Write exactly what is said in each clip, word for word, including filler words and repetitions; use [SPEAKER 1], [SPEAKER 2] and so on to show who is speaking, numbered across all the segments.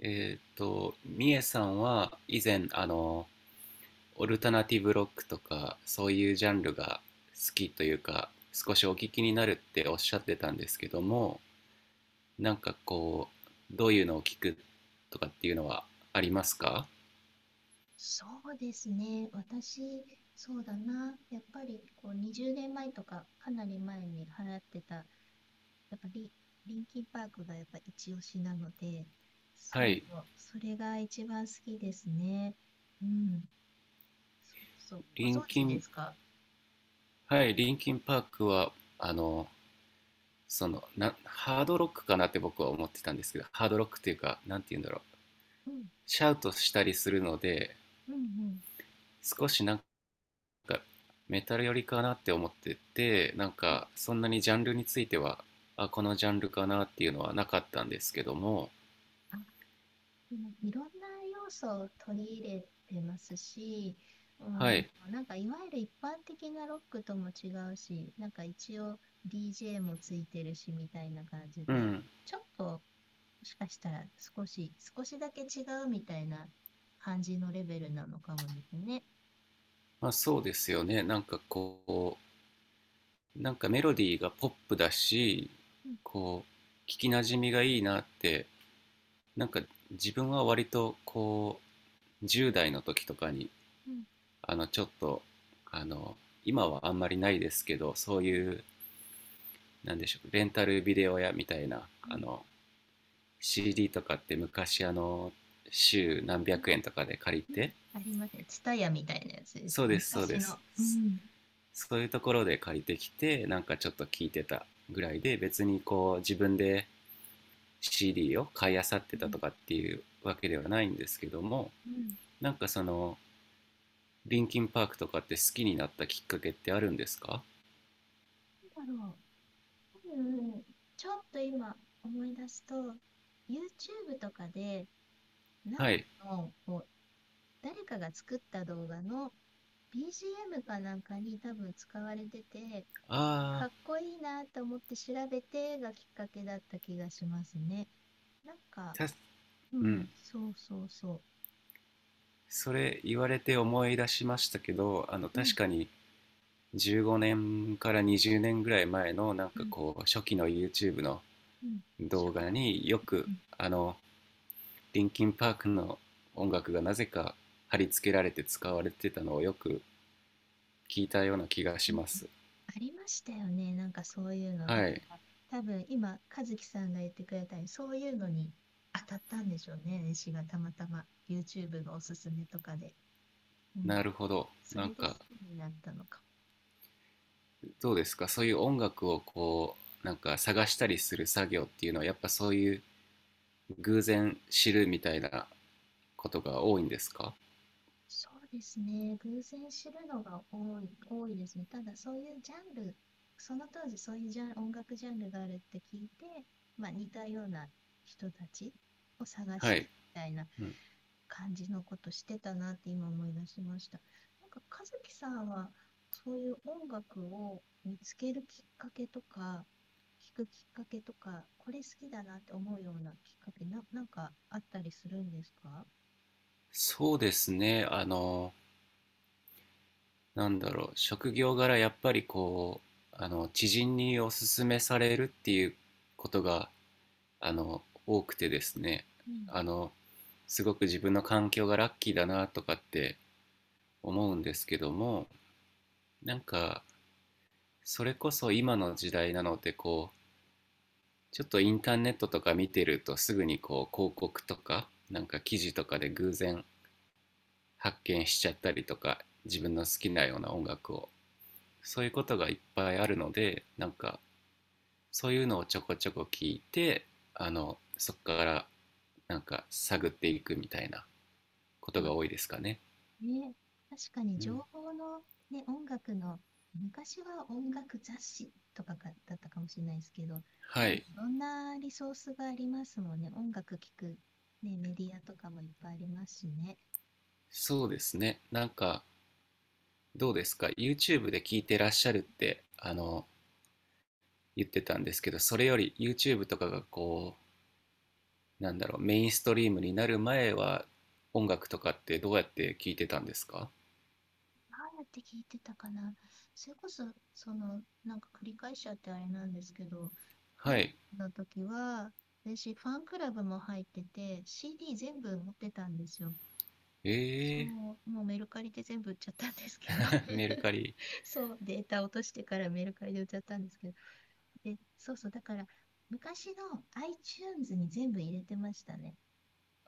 [SPEAKER 1] えっと、みえさんは以前、あの、オルタナティブロックとか、そういうジャンルが好きというか、少しお聞きになるっておっしゃってたんですけども、なんかこう、どういうのを聞くとかっていうのはありますか？
[SPEAKER 2] そうですね。私、そうだな。やっぱりこうにじゅうねんまえとか、かなり前に払ってた、やっぱりリンキンパークがやっぱ一押しなので、そ
[SPEAKER 1] は
[SPEAKER 2] う、
[SPEAKER 1] い、
[SPEAKER 2] それが一番好きですね。うん。そうそう。ご
[SPEAKER 1] リン
[SPEAKER 2] 存
[SPEAKER 1] キ
[SPEAKER 2] 知で
[SPEAKER 1] ン、
[SPEAKER 2] すか？
[SPEAKER 1] はい、リンキンパークは、あの、その、な、ハードロックかなって僕は思ってたんですけど、ハードロックっていうか、なんて言うんだろう、
[SPEAKER 2] うん、
[SPEAKER 1] シャウトしたりするので、
[SPEAKER 2] うん、うん。
[SPEAKER 1] 少しなんかメタル寄りかなって思ってて、なん
[SPEAKER 2] うん、
[SPEAKER 1] かそんなにジャンルについては、あ、このジャンルかなっていうのはなかったんですけども。
[SPEAKER 2] もういろんな要素を取り入れてますし、う
[SPEAKER 1] は
[SPEAKER 2] ん、
[SPEAKER 1] い。
[SPEAKER 2] なんかいわゆる一般的なロックとも違うし、なんか一応 ディージェー もついてるしみたいな感じ
[SPEAKER 1] う
[SPEAKER 2] で、
[SPEAKER 1] ん。
[SPEAKER 2] ちょっともしかしたら少し、少しだけ違うみたいな感じのレベルなのかもですね。
[SPEAKER 1] まあそうですよね。なんかこう、なんかメロディーがポップだし、
[SPEAKER 2] うん。
[SPEAKER 1] こう、聞きなじみがいいなって。なんか自分は割とこうじゅう代の時とかに、
[SPEAKER 2] うん。
[SPEAKER 1] あのちょっとあの今はあんまりないですけど、そう
[SPEAKER 2] うん。
[SPEAKER 1] いう、なんでしょう、レンタルビデオ屋みたいな、
[SPEAKER 2] う
[SPEAKER 1] あ
[SPEAKER 2] ん。
[SPEAKER 1] の、 シーディー とかって昔、あの、週何
[SPEAKER 2] うん。
[SPEAKER 1] 百円とかで借り
[SPEAKER 2] うん。
[SPEAKER 1] て、
[SPEAKER 2] ありますね。ツタヤみたいなやつです
[SPEAKER 1] そう
[SPEAKER 2] ね。
[SPEAKER 1] です、そう
[SPEAKER 2] 昔
[SPEAKER 1] で
[SPEAKER 2] の。
[SPEAKER 1] す、
[SPEAKER 2] うん。
[SPEAKER 1] そういうところで借りてきてなんかちょっと聞いてたぐらいで、別にこう自分で シーディー を買い漁って
[SPEAKER 2] う
[SPEAKER 1] た
[SPEAKER 2] ん。
[SPEAKER 1] とかっていうわけではないんですけども。
[SPEAKER 2] うん。
[SPEAKER 1] なんかその、リンキンパークとかって好きになったきっかけってあるんですか？
[SPEAKER 2] なんだろう。うん、ちょっと今思い出すと、YouTube とかで、なん
[SPEAKER 1] はい。
[SPEAKER 2] かのこう誰かが作った動画の ビージーエム かなんかに多分使われてて、
[SPEAKER 1] あ
[SPEAKER 2] か
[SPEAKER 1] あ。
[SPEAKER 2] っこいいなと思って調べてがきっかけだった気がしますね。なんか、
[SPEAKER 1] た
[SPEAKER 2] う
[SPEAKER 1] う
[SPEAKER 2] ん、
[SPEAKER 1] ん。
[SPEAKER 2] そうそうそ
[SPEAKER 1] それ言われて思い出しましたけど、あの、
[SPEAKER 2] う。うん、
[SPEAKER 1] 確かにじゅうごねんからにじゅうねんぐらい前のなん
[SPEAKER 2] う
[SPEAKER 1] か
[SPEAKER 2] ん、
[SPEAKER 1] こう初期の YouTube の
[SPEAKER 2] うん。しょ、
[SPEAKER 1] 動
[SPEAKER 2] いい
[SPEAKER 1] 画
[SPEAKER 2] よ。
[SPEAKER 1] によく、あの、リンキンパークの音楽がなぜか貼り付けられて使われてたのをよく聞いたような気が
[SPEAKER 2] う
[SPEAKER 1] し
[SPEAKER 2] ん、
[SPEAKER 1] ます。
[SPEAKER 2] ありましたよね。なんかそういうの。だか
[SPEAKER 1] はい。
[SPEAKER 2] ら多分今、和樹さんが言ってくれたように、そういうのに当たったんでしょうね。私がたまたま YouTube のおすすめとかで。うん。
[SPEAKER 1] なるほど。
[SPEAKER 2] そ
[SPEAKER 1] なん
[SPEAKER 2] れで好
[SPEAKER 1] か
[SPEAKER 2] きになったのか。
[SPEAKER 1] どうですか、そういう音楽をこう、なんか探したりする作業っていうのは、やっぱそういう偶然知るみたいなことが多いんですか？
[SPEAKER 2] そうですね。偶然知るのが多い、多いですね。ただ、そういうジャンル、その当時そういうジャン、音楽ジャンルがあるって聞いて、まあ、似たような人たちを探
[SPEAKER 1] は
[SPEAKER 2] して
[SPEAKER 1] い。
[SPEAKER 2] みたいな
[SPEAKER 1] うん。
[SPEAKER 2] 感じのことしてたなって今思い出しました。なんか、和樹さんは、そういう音楽を見つけるきっかけとか、聞くきっかけとか、これ好きだなって思うようなきっかけ、な、なんかあったりするんですか？
[SPEAKER 1] そうですね。あのなんだろう、職業柄やっぱりこう、あの、知人におすすめされるっていうことが、あの、多くてですね、
[SPEAKER 2] うん、
[SPEAKER 1] あの、すごく自分の環境がラッキーだなとかって思うんですけども、なんか、それこそ今の時代なので、こう、ちょっとインターネットとか見てるとすぐにこう、広告とか、なんか記事とかで偶然発見しちゃったりとか、自分の好きなような音楽を、そういうことがいっぱいあるので、なんか、そういうのをちょこちょこ聞いて、あの、そこからなんか探っていくみたいなことが多いですかね。
[SPEAKER 2] ね、確かに
[SPEAKER 1] う
[SPEAKER 2] 情
[SPEAKER 1] ん。
[SPEAKER 2] 報の、ね、音楽の、昔は音楽雑誌とかがだったかもしれないですけど、
[SPEAKER 1] は
[SPEAKER 2] 今い
[SPEAKER 1] い。
[SPEAKER 2] ろんなリソースがありますもんね。音楽聴く、ね、メディアとかもいっぱいありますしね。
[SPEAKER 1] そうですね。なんかどうですか、 YouTube で聞いてらっしゃるってあの言ってたんですけど、それより YouTube とかがこう、なんだろう、メインストリームになる前は音楽とかってどうやって聞いてたんですか？
[SPEAKER 2] どうやって聞いてたかな。それこそ、その、なんか繰り返しちゃってあれなんですけど、
[SPEAKER 1] は
[SPEAKER 2] リン
[SPEAKER 1] い。
[SPEAKER 2] の時は、私、ファンクラブも入ってて、シーディー 全部持ってたんですよ。そ
[SPEAKER 1] え
[SPEAKER 2] う、もうメルカリで全部売っちゃったんですけど
[SPEAKER 1] ー、メルカ リ、
[SPEAKER 2] そう、データ落としてからメルカリで売っちゃったんですけど、で、そうそう、だから昔の iTunes に全部入れてましたね。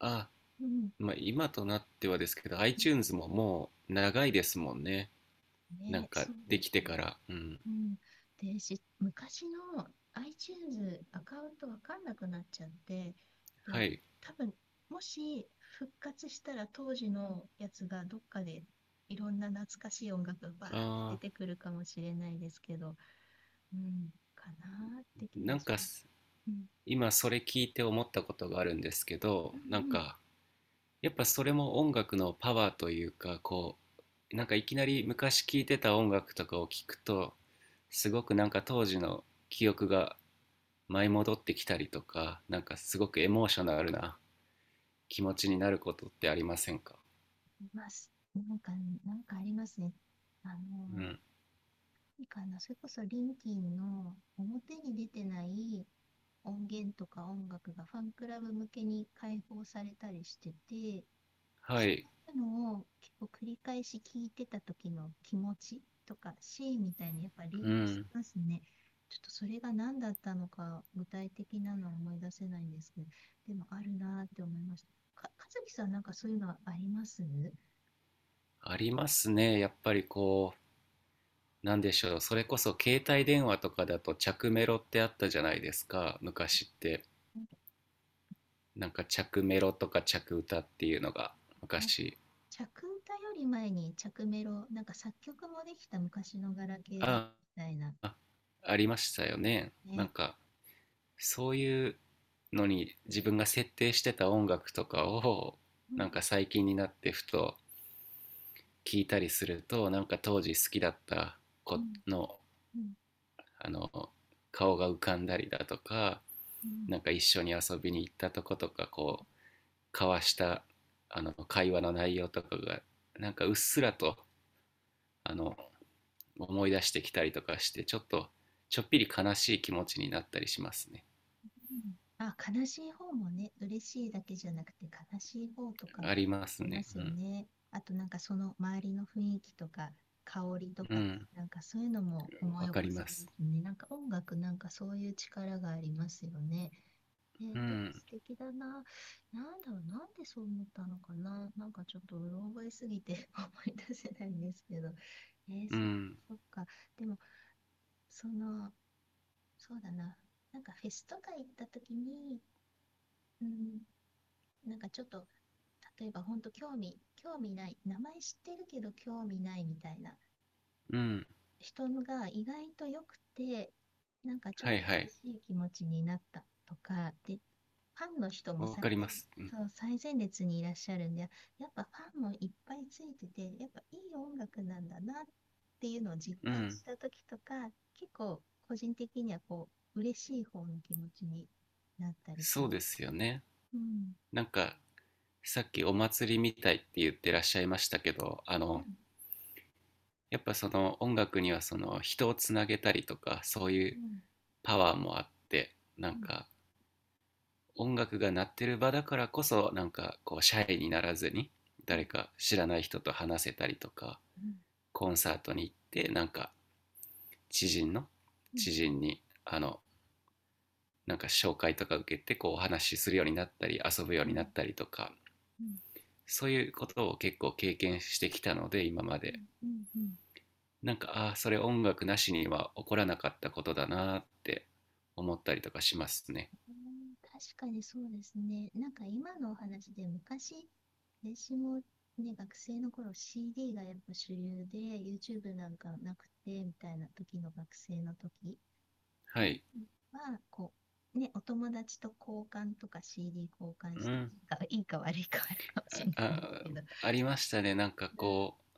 [SPEAKER 1] あ、
[SPEAKER 2] うん。
[SPEAKER 1] まあ今となってはですけど iTunes ももう長いですもんね、なん
[SPEAKER 2] ね、
[SPEAKER 1] か
[SPEAKER 2] そう
[SPEAKER 1] で
[SPEAKER 2] で
[SPEAKER 1] き
[SPEAKER 2] す
[SPEAKER 1] てか
[SPEAKER 2] ね。
[SPEAKER 1] ら。うん。
[SPEAKER 2] うん。で、し、昔の iTunes アカウントわかんなくなっちゃって、で、
[SPEAKER 1] はい。
[SPEAKER 2] 多分、もし復活したら当時のやつがどっかでいろんな懐かしい音楽がバーって出
[SPEAKER 1] あ
[SPEAKER 2] てくるかもしれないですけど、うん、かなーっ
[SPEAKER 1] ー、
[SPEAKER 2] て気
[SPEAKER 1] な
[SPEAKER 2] が
[SPEAKER 1] ん
[SPEAKER 2] し
[SPEAKER 1] か
[SPEAKER 2] ます。
[SPEAKER 1] す
[SPEAKER 2] うん、
[SPEAKER 1] 今それ聞いて思ったことがあるんですけ
[SPEAKER 2] う
[SPEAKER 1] ど、なん
[SPEAKER 2] ん、うん、
[SPEAKER 1] かやっぱそれも音楽のパワーというか、こう、なんかいきなり昔聴いてた音楽とかを聞くと、すごくなんか当時の記憶が舞い戻ってきたりとか、なんかすごくエモーショナルな気持ちになることってありませんか？
[SPEAKER 2] います。なんか、なんかありますね。あ
[SPEAKER 1] う
[SPEAKER 2] の
[SPEAKER 1] ん。
[SPEAKER 2] ー、いいかな、それこそリンキンの表に出てない音源とか音楽がファンクラブ向けに開放されたりしてて、
[SPEAKER 1] は
[SPEAKER 2] そ
[SPEAKER 1] い。
[SPEAKER 2] ういうのを結構繰り返し聞いてた時の気持ちとかシーンみたいにやっぱリ
[SPEAKER 1] う
[SPEAKER 2] ンクし
[SPEAKER 1] ん。
[SPEAKER 2] ますね。ちょっとそれが何だったのか具体的なのは思い出せないんですけど、でもあるなーって思いました。か、かずきさんなんかそういうのはありますな
[SPEAKER 1] ありますね。やっぱりこなんでしょう、それこそ携帯電話とかだと着メロってあったじゃないですか、昔って。
[SPEAKER 2] んかあ
[SPEAKER 1] なんか着メロとか着歌っていうのが
[SPEAKER 2] りました。
[SPEAKER 1] 昔、
[SPEAKER 2] 着歌より前に着メロ、なんか作曲もできた昔のガラケーだった
[SPEAKER 1] あ
[SPEAKER 2] みたいな
[SPEAKER 1] あ、ありましたよね。な
[SPEAKER 2] ね。
[SPEAKER 1] んかそういうのに自分が設定してた音楽とかを、
[SPEAKER 2] うん、
[SPEAKER 1] なんか最近になってふと聞いたりすると、なんか当時好きだった
[SPEAKER 2] うん、
[SPEAKER 1] 子の、
[SPEAKER 2] うん、
[SPEAKER 1] あの、顔が浮かんだりだとか、
[SPEAKER 2] うん。
[SPEAKER 1] なんか一緒に遊びに行ったとことか、こう交わしたあの会話の内容とかがなんかうっすらと、あの、思い出してきたりとかしてちょっとちょっぴり悲しい気持ちになったりしますね。
[SPEAKER 2] うん、あ、悲しい方もね、嬉しいだけじゃなくて悲しい方とかあ
[SPEAKER 1] あります
[SPEAKER 2] りま
[SPEAKER 1] ね。
[SPEAKER 2] す
[SPEAKER 1] う
[SPEAKER 2] よ
[SPEAKER 1] ん。
[SPEAKER 2] ね。あとなんかその周りの雰囲気とか香りと
[SPEAKER 1] う
[SPEAKER 2] か、
[SPEAKER 1] ん。
[SPEAKER 2] なんかそういうのも思い
[SPEAKER 1] わ
[SPEAKER 2] 起
[SPEAKER 1] か
[SPEAKER 2] こ
[SPEAKER 1] り
[SPEAKER 2] さ
[SPEAKER 1] ま
[SPEAKER 2] れま
[SPEAKER 1] す。
[SPEAKER 2] すね。なんか音楽なんかそういう力がありますよね。ね、
[SPEAKER 1] う
[SPEAKER 2] で、
[SPEAKER 1] ん。
[SPEAKER 2] 素敵だな。なんだろう、なんでそう思ったのかな。なんかちょっとうろ覚えすぎて 思い出せないんですけど。えー、
[SPEAKER 1] う
[SPEAKER 2] そっか
[SPEAKER 1] ん。
[SPEAKER 2] そっか。でも、その、そうだな。なんかフェスとか行った時に、うん、なんかちょっと、例えば本当興味、興味ない、名前知ってるけど興味ないみたいな
[SPEAKER 1] うん。
[SPEAKER 2] 人のが意外と良くて、なんかちょっ
[SPEAKER 1] はい
[SPEAKER 2] と
[SPEAKER 1] はい。
[SPEAKER 2] 嬉しい気持ちになったとか、で、ファンの人も
[SPEAKER 1] わ
[SPEAKER 2] 最
[SPEAKER 1] かり
[SPEAKER 2] 前、
[SPEAKER 1] ます。うん。
[SPEAKER 2] そう、最前列にいらっしゃるんで、やっぱファンもいっぱいついてて、やっぱいい音楽なんだなっていうのを実
[SPEAKER 1] う
[SPEAKER 2] 感
[SPEAKER 1] ん。
[SPEAKER 2] した時とか、結構個人的にはこう、嬉しい方の気持ちになったりしま
[SPEAKER 1] そうです
[SPEAKER 2] す
[SPEAKER 1] よ
[SPEAKER 2] ね。
[SPEAKER 1] ね。
[SPEAKER 2] うん。
[SPEAKER 1] なんかさっきお祭りみたいって言ってらっしゃいましたけど、あ
[SPEAKER 2] う
[SPEAKER 1] の、
[SPEAKER 2] ん。
[SPEAKER 1] やっぱその音楽にはその人をつなげたりとかそうい
[SPEAKER 2] う
[SPEAKER 1] う
[SPEAKER 2] ん。
[SPEAKER 1] パワーもあって、な
[SPEAKER 2] う
[SPEAKER 1] ん
[SPEAKER 2] ん。
[SPEAKER 1] か音楽が鳴ってる場だからこそなんかこうシャイにならずに
[SPEAKER 2] う
[SPEAKER 1] 誰
[SPEAKER 2] ん。
[SPEAKER 1] か知らない人と話せたりとか、
[SPEAKER 2] うん。
[SPEAKER 1] コンサートに行ってなんか知人の
[SPEAKER 2] うん。
[SPEAKER 1] 知人に、あの、なんか紹介とか受けてこうお話しするようになったり遊ぶよ
[SPEAKER 2] う
[SPEAKER 1] うにな
[SPEAKER 2] ん。
[SPEAKER 1] ったりとか、
[SPEAKER 2] うん。
[SPEAKER 1] そういうことを結構経験してきたので今ま
[SPEAKER 2] うん。
[SPEAKER 1] で、
[SPEAKER 2] うん。うん
[SPEAKER 1] なんか、ああ、それ音楽なしには起こらなかったことだなって思ったりとかしますね。
[SPEAKER 2] うん確かにそうですね。なんか今のお話で昔、私もね、学生の頃 シーディー がやっぱ主流で YouTube なんかなくてみたいな時の学生の時、
[SPEAKER 1] はい。
[SPEAKER 2] うん、は、こう、ね、お友達と交換とか シーディー 交換
[SPEAKER 1] う
[SPEAKER 2] してい
[SPEAKER 1] ん。
[SPEAKER 2] いかいいか悪いかあるかもしれな
[SPEAKER 1] あ
[SPEAKER 2] いです
[SPEAKER 1] あ、
[SPEAKER 2] けど、
[SPEAKER 1] ありましたね。なんかこう、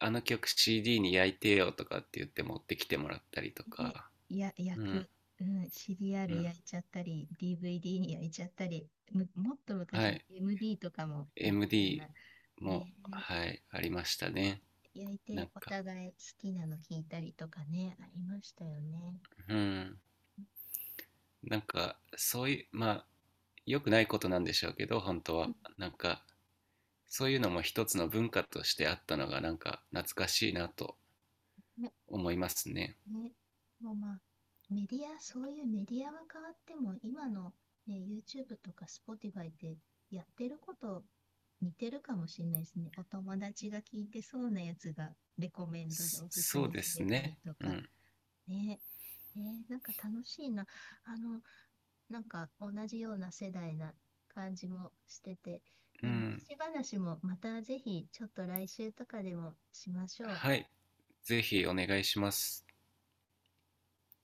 [SPEAKER 1] あの曲 シーディー に焼いてよとかって言って持ってきてもらったりと
[SPEAKER 2] ね、
[SPEAKER 1] か。
[SPEAKER 2] や、焼
[SPEAKER 1] うん。
[SPEAKER 2] く、うん、シリア
[SPEAKER 1] う
[SPEAKER 2] ル
[SPEAKER 1] ん。
[SPEAKER 2] 焼いちゃったり、ディーブイディー に焼いちゃったり、む、もっと
[SPEAKER 1] は
[SPEAKER 2] 昔は
[SPEAKER 1] い。
[SPEAKER 2] エムディー とかもあったよう
[SPEAKER 1] エムディー
[SPEAKER 2] な、ね
[SPEAKER 1] も、
[SPEAKER 2] え、
[SPEAKER 1] はい、ありましたね。
[SPEAKER 2] 焼い
[SPEAKER 1] なん
[SPEAKER 2] てお
[SPEAKER 1] か、
[SPEAKER 2] 互い好きなの聞いたりとかね、ありましたよね。
[SPEAKER 1] うん、なんか、そういう、まあ、良くないことなんでしょうけど、本当
[SPEAKER 2] うん。
[SPEAKER 1] は。なんか、そういうのも一つの文化としてあったのが、なんか、懐かしいなと
[SPEAKER 2] ね、
[SPEAKER 1] 思いますね。
[SPEAKER 2] ね、もうまあ、メディア、そういうメディアは変わっても、今の、ね、YouTube とか Spotify ってやってること似てるかもしれないですね。お友達が聞いてそうなやつがレコメンドで
[SPEAKER 1] そ、
[SPEAKER 2] おすす
[SPEAKER 1] そう
[SPEAKER 2] め
[SPEAKER 1] で
[SPEAKER 2] さ
[SPEAKER 1] す
[SPEAKER 2] れたり
[SPEAKER 1] ね。
[SPEAKER 2] と
[SPEAKER 1] う
[SPEAKER 2] か、
[SPEAKER 1] ん。
[SPEAKER 2] ねえー、なんか楽しいな。あの、なんか同じような世代な感じもしてて、
[SPEAKER 1] う
[SPEAKER 2] ね、
[SPEAKER 1] ん。
[SPEAKER 2] 昔話もまたぜひちょっと来週とかでもしましょう。
[SPEAKER 1] はい、ぜひお願いします。